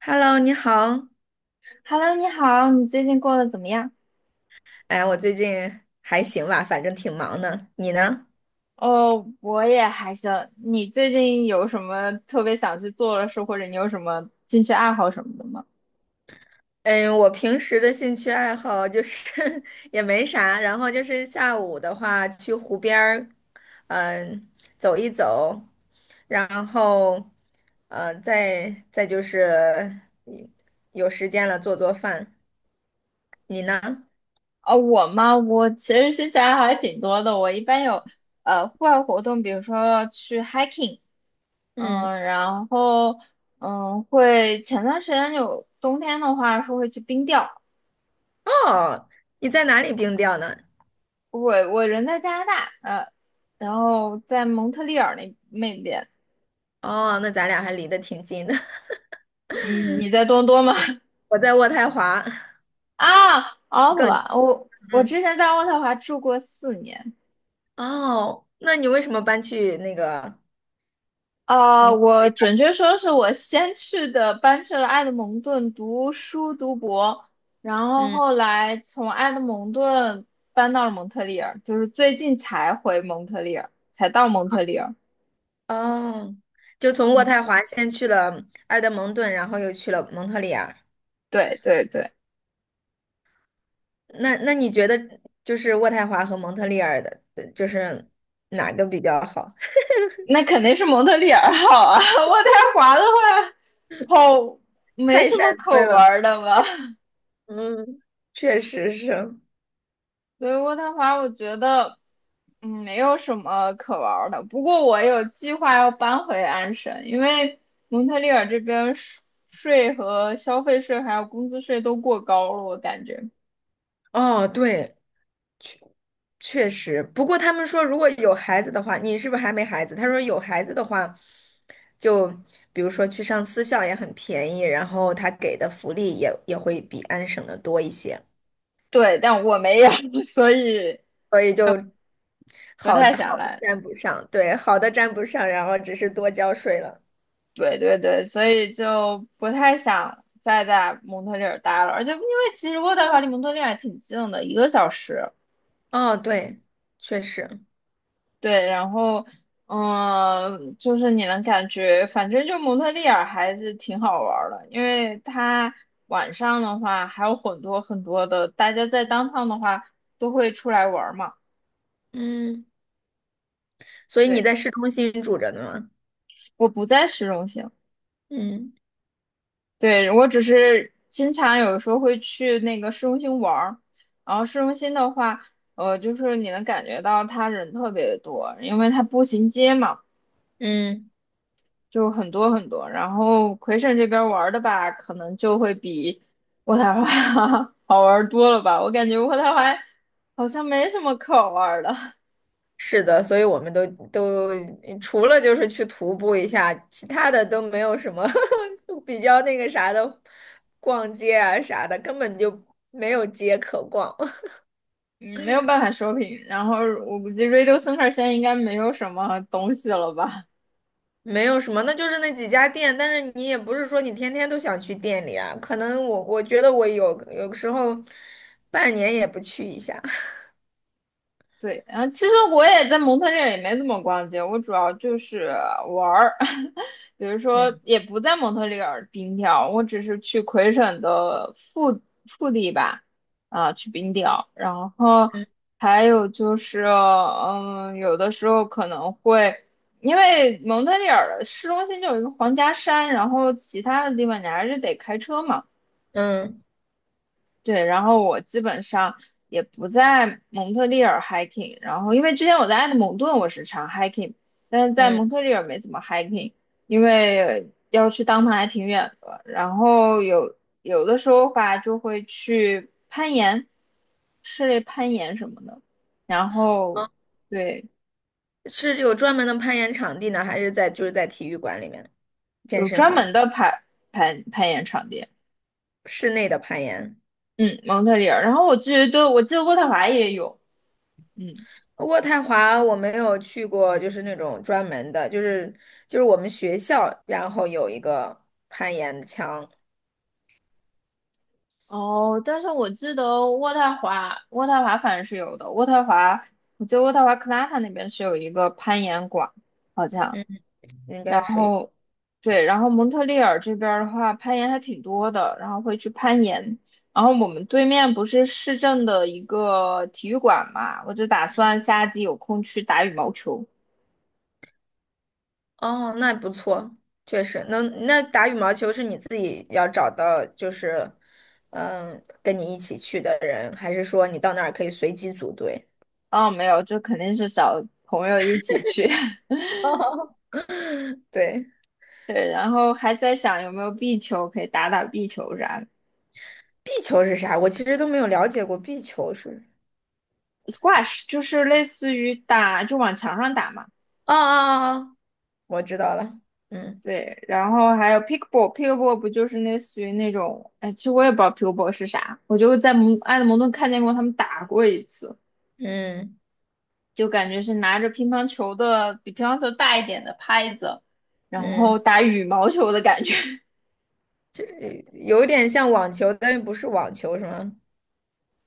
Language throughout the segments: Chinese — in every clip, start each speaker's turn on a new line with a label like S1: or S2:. S1: Hello，你好。
S2: Hello，你好，你最近过得怎么样？
S1: 哎，我最近还行吧，反正挺忙的。你呢？
S2: 哦，我也还行。你最近有什么特别想去做的事，或者你有什么兴趣爱好什么的吗？
S1: 嗯，我平时的兴趣爱好就是 也没啥，然后就是下午的话去湖边儿，嗯，走一走，然后，再就是有时间了做做饭。你呢？
S2: 哦，我吗？我其实兴趣爱好还挺多的。我一般有户外活动，比如说去 hiking，
S1: 嗯，
S2: 嗯，然后前段时间有冬天的话是会去冰钓。
S1: 哦，你在哪里冰钓呢？
S2: 我人在加拿大，然后在蒙特利尔那边。
S1: 哦，那咱俩还离得挺近的。
S2: 你在多伦多吗？
S1: 我在渥太华，
S2: 啊，渥太
S1: 更，
S2: 华，我
S1: 嗯。
S2: 之前在渥太华住过四年。
S1: 哦，那你为什么搬去那个？
S2: 啊、
S1: 嗯
S2: 我准确说是我先去的，搬去了埃德蒙顿读书读博，然后
S1: 嗯，
S2: 后来从埃德蒙顿搬到了蒙特利尔，就是最近才回蒙特利尔，才到蒙特利尔。
S1: 哦，就从渥
S2: 嗯，
S1: 太华先去了埃德蒙顿，然后又去了蒙特利尔。
S2: 对对对。
S1: 那你觉得就是渥太华和蒙特利尔的，就是哪个比较好？
S2: 那肯定是蒙特利尔好啊。渥太华的话，好，没
S1: 太
S2: 什
S1: 山
S2: 么可
S1: 村
S2: 玩
S1: 了。
S2: 儿的吧？
S1: 嗯，确实是。
S2: 所以渥太华我觉得，没有什么可玩儿的。不过我有计划要搬回安省，因为蒙特利尔这边税和消费税还有工资税都过高了，我感觉。
S1: 哦，对，确实，不过他们说，如果有孩子的话，你是不是还没孩子？他说有孩子的话，就比如说去上私校也很便宜，然后他给的福利也会比安省的多一些，
S2: 对，但我没有，所以
S1: 所以就
S2: 不
S1: 好好
S2: 太想
S1: 的
S2: 来。
S1: 沾不上，对，好的占不上，然后只是多交税了。
S2: 对对对，所以就不太想再在蒙特利尔待了。而且因为其实渥太华离蒙特利尔挺近的，一个小时。
S1: 哦，对，确实，
S2: 对，然后，就是你能感觉，反正就蒙特利尔还是挺好玩儿的，因为它晚上的话还有很多很多的，大家在当 o 的话都会出来玩儿嘛。
S1: 嗯，所以你
S2: 对，
S1: 在市中心住着呢吗？
S2: 我不在市中心，
S1: 嗯
S2: 对，我只是经常有时候会去那个市中心玩儿，然后市中心的话，就是你能感觉到它人特别多，因为它步行街嘛。
S1: 嗯。
S2: 就很多很多。然后魁省这边玩儿的吧，可能就会比渥太华 好玩儿多了吧。我感觉渥太华好像没什么可玩儿的，
S1: 是的，所以我们都除了就是去徒步一下，其他的都没有什么 比较那个啥的，逛街啊啥的，根本就没有街可逛，
S2: 嗯，没有办法 shopping。然后我估计 Radio Center 现在应该没有什么东西了吧。
S1: 没有什么，那就是那几家店，但是你也不是说你天天都想去店里啊，可能我觉得我有时候半年也不去一下，
S2: 对，然后其实我也在蒙特利尔也没怎么逛街，我主要就是玩儿，比如说
S1: 嗯
S2: 也不在蒙特利尔冰钓，我只是去魁省的腹地吧，啊，去冰钓，然后
S1: 嗯
S2: 还有就是，嗯，有的时候可能会，因为蒙特利尔的市中心就有一个皇家山，然后其他的地方你还是得开车嘛。
S1: 嗯
S2: 对，然后我基本上也不在蒙特利尔 hiking，然后因为之前我在埃德蒙顿我是常 hiking，但是在
S1: 嗯，
S2: 蒙特利尔没怎么 hiking，因为要去当趟还挺远的，然后有的时候吧就会去攀岩，室内攀岩什么的，然后对，
S1: 是有专门的攀岩场地呢，还是在就是在体育馆里面健
S2: 有
S1: 身
S2: 专
S1: 房
S2: 门的攀岩场地，
S1: 室内的攀岩？
S2: 嗯，蒙特利尔，然后我记得对，我记得渥太华也有，嗯。
S1: 渥太华我没有去过，就是那种专门的，就是就是我们学校，然后有一个攀岩墙，
S2: 哦，但是我记得渥太华，渥太华反正是有的。渥太华，我记得渥太华克拉塔那边是有一个攀岩馆，好像。
S1: 嗯，应该
S2: 然
S1: 是，
S2: 后，对，然后蒙特利尔这边儿的话，攀岩还挺多的，然后会去攀岩。然后我们对面不是市政的一个体育馆嘛，我就打算夏季有空去打羽毛球。
S1: 哦，那不错，确实，那打羽毛球是你自己要找到，就是嗯，跟你一起去的人，还是说你到那儿可以随机组队？
S2: 哦，没有，就肯定是找朋友一起去。
S1: 对，
S2: 对，然后还在想有没有壁球可以打打壁球啥的。
S1: 壁球是啥？我其实都没有了解过壁球是，
S2: squash 就是类似于打，就往墙上打嘛。
S1: 哦哦哦，哦我知道了，嗯
S2: 对，然后还有 pickleball，pickleball 不就是类似于那种，哎，其实我也不知道 pickleball 是啥，我就在蒙爱德蒙顿看见过他们打过一次，
S1: 嗯
S2: 就感觉是拿着乒乓球的比乒乓球大一点的拍子，然
S1: 嗯。
S2: 后打羽毛球的感觉。
S1: 这有点像网球，但又不是网球，是吗？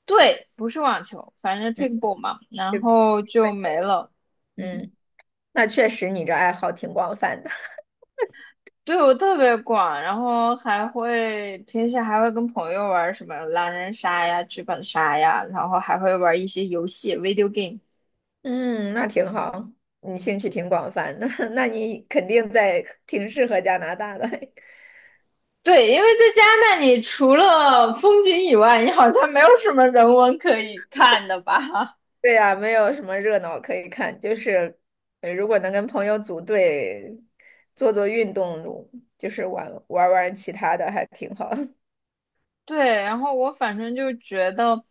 S2: 对，不是网球，反正
S1: 嗯，
S2: pickleball 嘛，
S1: 对
S2: 然
S1: 不起，
S2: 后就
S1: 羽
S2: 没
S1: 球。
S2: 了。嗯，
S1: 嗯，那确实你这爱好挺广泛的。
S2: 对我特别广，然后还会平时还会跟朋友玩什么狼人杀呀、剧本杀呀，然后还会玩一些游戏 （video game）。
S1: 嗯，那挺好，你兴趣挺广泛的，那你肯定在挺适合加拿大的。
S2: 对，因为在加拿大，你除了风景以外，你好像没有什么人文可以看的吧？
S1: 对呀，没有什么热闹可以看，就是如果能跟朋友组队做做运动，就是玩其他的，还挺好。
S2: 对，然后我反正就觉得，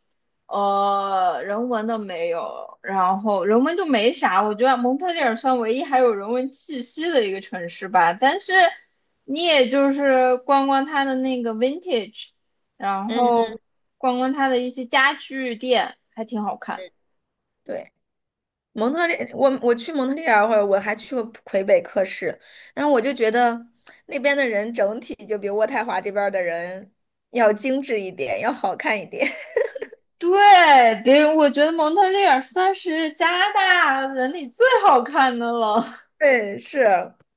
S2: 人文的没有，然后人文就没啥。我觉得蒙特利尔算唯一还有人文气息的一个城市吧，但是你也就是逛逛它的那个 vintage，然
S1: 嗯嗯，
S2: 后逛逛它的一些家具店，还挺好看的。
S1: 对。蒙特利，我去蒙特利尔会儿，我还去过魁北克市，然后我就觉得那边的人整体就比渥太华这边儿的人要精致一点，要好看一点。
S2: 对，别，我觉得蒙特利尔算是加拿大人里最好看的了。
S1: 对，是，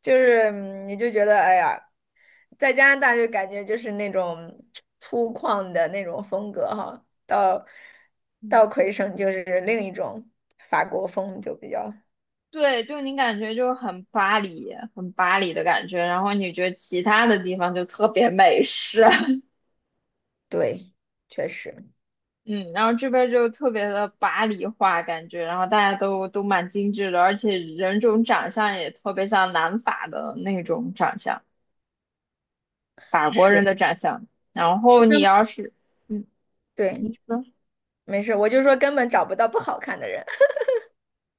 S1: 就是嗯你就觉得，哎呀，在加拿大就感觉就是那种粗犷的那种风格哈，到 魁省就是另一种法国风，就比较
S2: 对，就你感觉就很巴黎，很巴黎的感觉，然后你觉得其他的地方就特别美式，
S1: 对，确实
S2: 嗯，然后这边就特别的巴黎化感觉，然后大家都蛮精致的，而且人种长相也特别像南法的那种长相，法国
S1: 是，
S2: 人的长相。然
S1: 就
S2: 后你
S1: 根
S2: 要是，嗯，
S1: 对，
S2: 你说，
S1: 没事，我就说根本找不到不好看的人。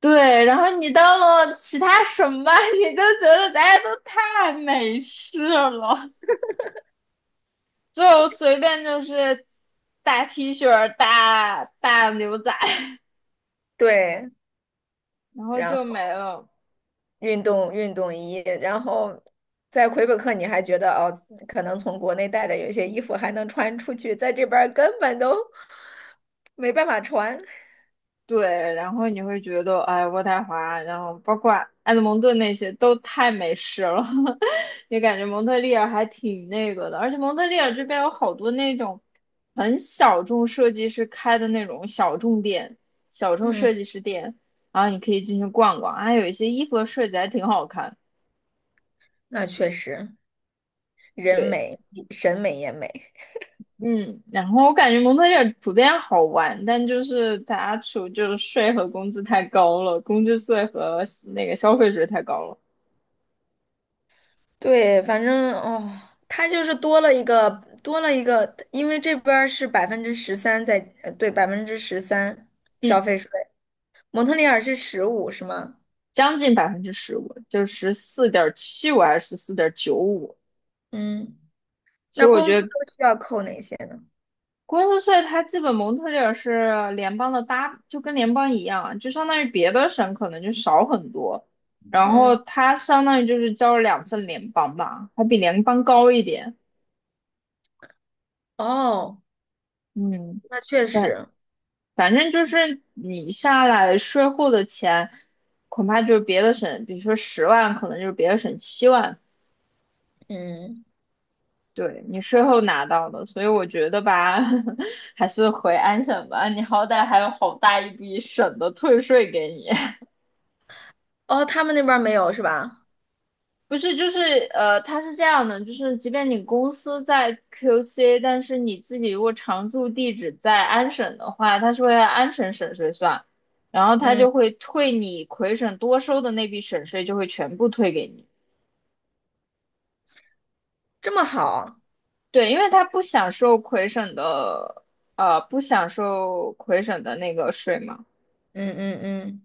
S2: 对，然后你到了其他省吧，你就觉得大家都太美式了。就随便就是大 T 恤、大牛仔，
S1: 对，
S2: 然后
S1: 然
S2: 就
S1: 后
S2: 没了。
S1: 运动衣，然后在魁北克你还觉得哦，可能从国内带的有一些衣服还能穿出去，在这边儿根本都没办法穿。
S2: 对，然后你会觉得，哎，渥太华，然后包括埃德蒙顿那些都太美式了 也感觉蒙特利尔还挺那个的。而且蒙特利尔这边有好多那种很小众设计师开的那种小众店、小众
S1: 嗯，
S2: 设计师店，然后你可以进去逛逛，还有一些衣服的设计还挺好看。
S1: 那确实，人
S2: 对，
S1: 美，审美也美。
S2: 嗯，然后我感觉蒙特利尔普遍好玩，但就是它出就是税和工资太高了，工资税和那个消费税太高了，
S1: 对，反正哦，它就是多了一个，因为这边儿是百分之十三在，呃对，百分之十三消
S2: 嗯，
S1: 费税，蒙特利尔是15，是吗？
S2: 将近15%，就14.75还是14.95。
S1: 嗯，
S2: 其
S1: 那
S2: 实我
S1: 工资
S2: 觉得
S1: 都需要扣哪些呢？
S2: 工资税它基本蒙特利尔是联邦的搭，就跟联邦一样，就相当于别的省可能就少很多，然后
S1: 嗯，
S2: 它相当于就是交了2份联邦吧，还比联邦高一点，
S1: 哦，
S2: 嗯。
S1: 那确
S2: 对，
S1: 实，
S2: 反正就是你下来税后的钱，恐怕就是别的省，比如说10万，可能就是别的省7万，
S1: 嗯，
S2: 对你税后拿到的。所以我觉得吧，还是回安省吧，你好歹还有好大一笔省的退税给你。
S1: 哦，他们那边儿没有是吧？
S2: 不是，就是它是这样的，就是即便你公司在 QC，但是你自己如果常住地址在安省的话，它是会按安省省税算，然后它
S1: 嗯，
S2: 就会退你魁省多收的那笔省税，就会全部退给你。
S1: 这么好，
S2: 对，因为它不享受魁省的，不享受魁省的那个税嘛。
S1: 嗯嗯嗯，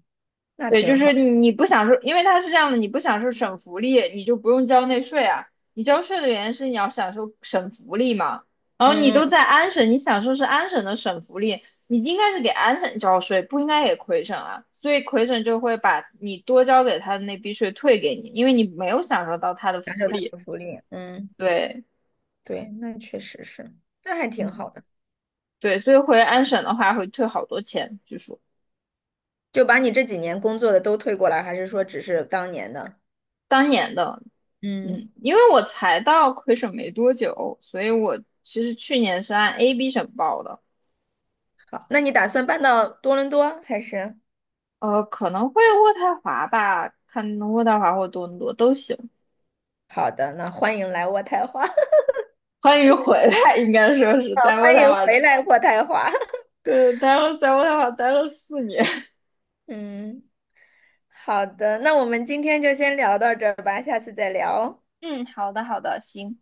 S1: 那
S2: 对，就
S1: 挺好，
S2: 是你不享受，因为它是这样的，你不享受省福利，你就不用交那税啊。你交税的原因是你要享受省福利嘛。然后你
S1: 嗯嗯，
S2: 都在安省，你享受是安省的省福利，你应该是给安省交税，不应该给魁省啊。所以魁省就会把你多交给他的那笔税退给你，因为你没有享受到他的
S1: 享受
S2: 福
S1: 他
S2: 利。
S1: 的福利，嗯，
S2: 对，
S1: 对，那确实是，那还挺
S2: 嗯，
S1: 好的。
S2: 对，所以回安省的话会退好多钱，据说
S1: 就把你这几年工作的都退过来，还是说只是当年的？
S2: 当年的，
S1: 嗯，
S2: 嗯，因为我才到魁省没多久，所以我其实去年是按 AB 省报的，
S1: 好，那你打算搬到多伦多还是？
S2: 可能会渥太华吧，看渥太华或多伦多都行。
S1: 好的，那欢迎来渥太华，
S2: 欢迎回来，应该说是在渥
S1: 欢
S2: 太
S1: 迎
S2: 华，
S1: 回来渥太华。
S2: 待了在渥太华待了四年。
S1: 嗯，好的，那我们今天就先聊到这儿吧，下次再聊哦。
S2: 嗯，好的，好的，行。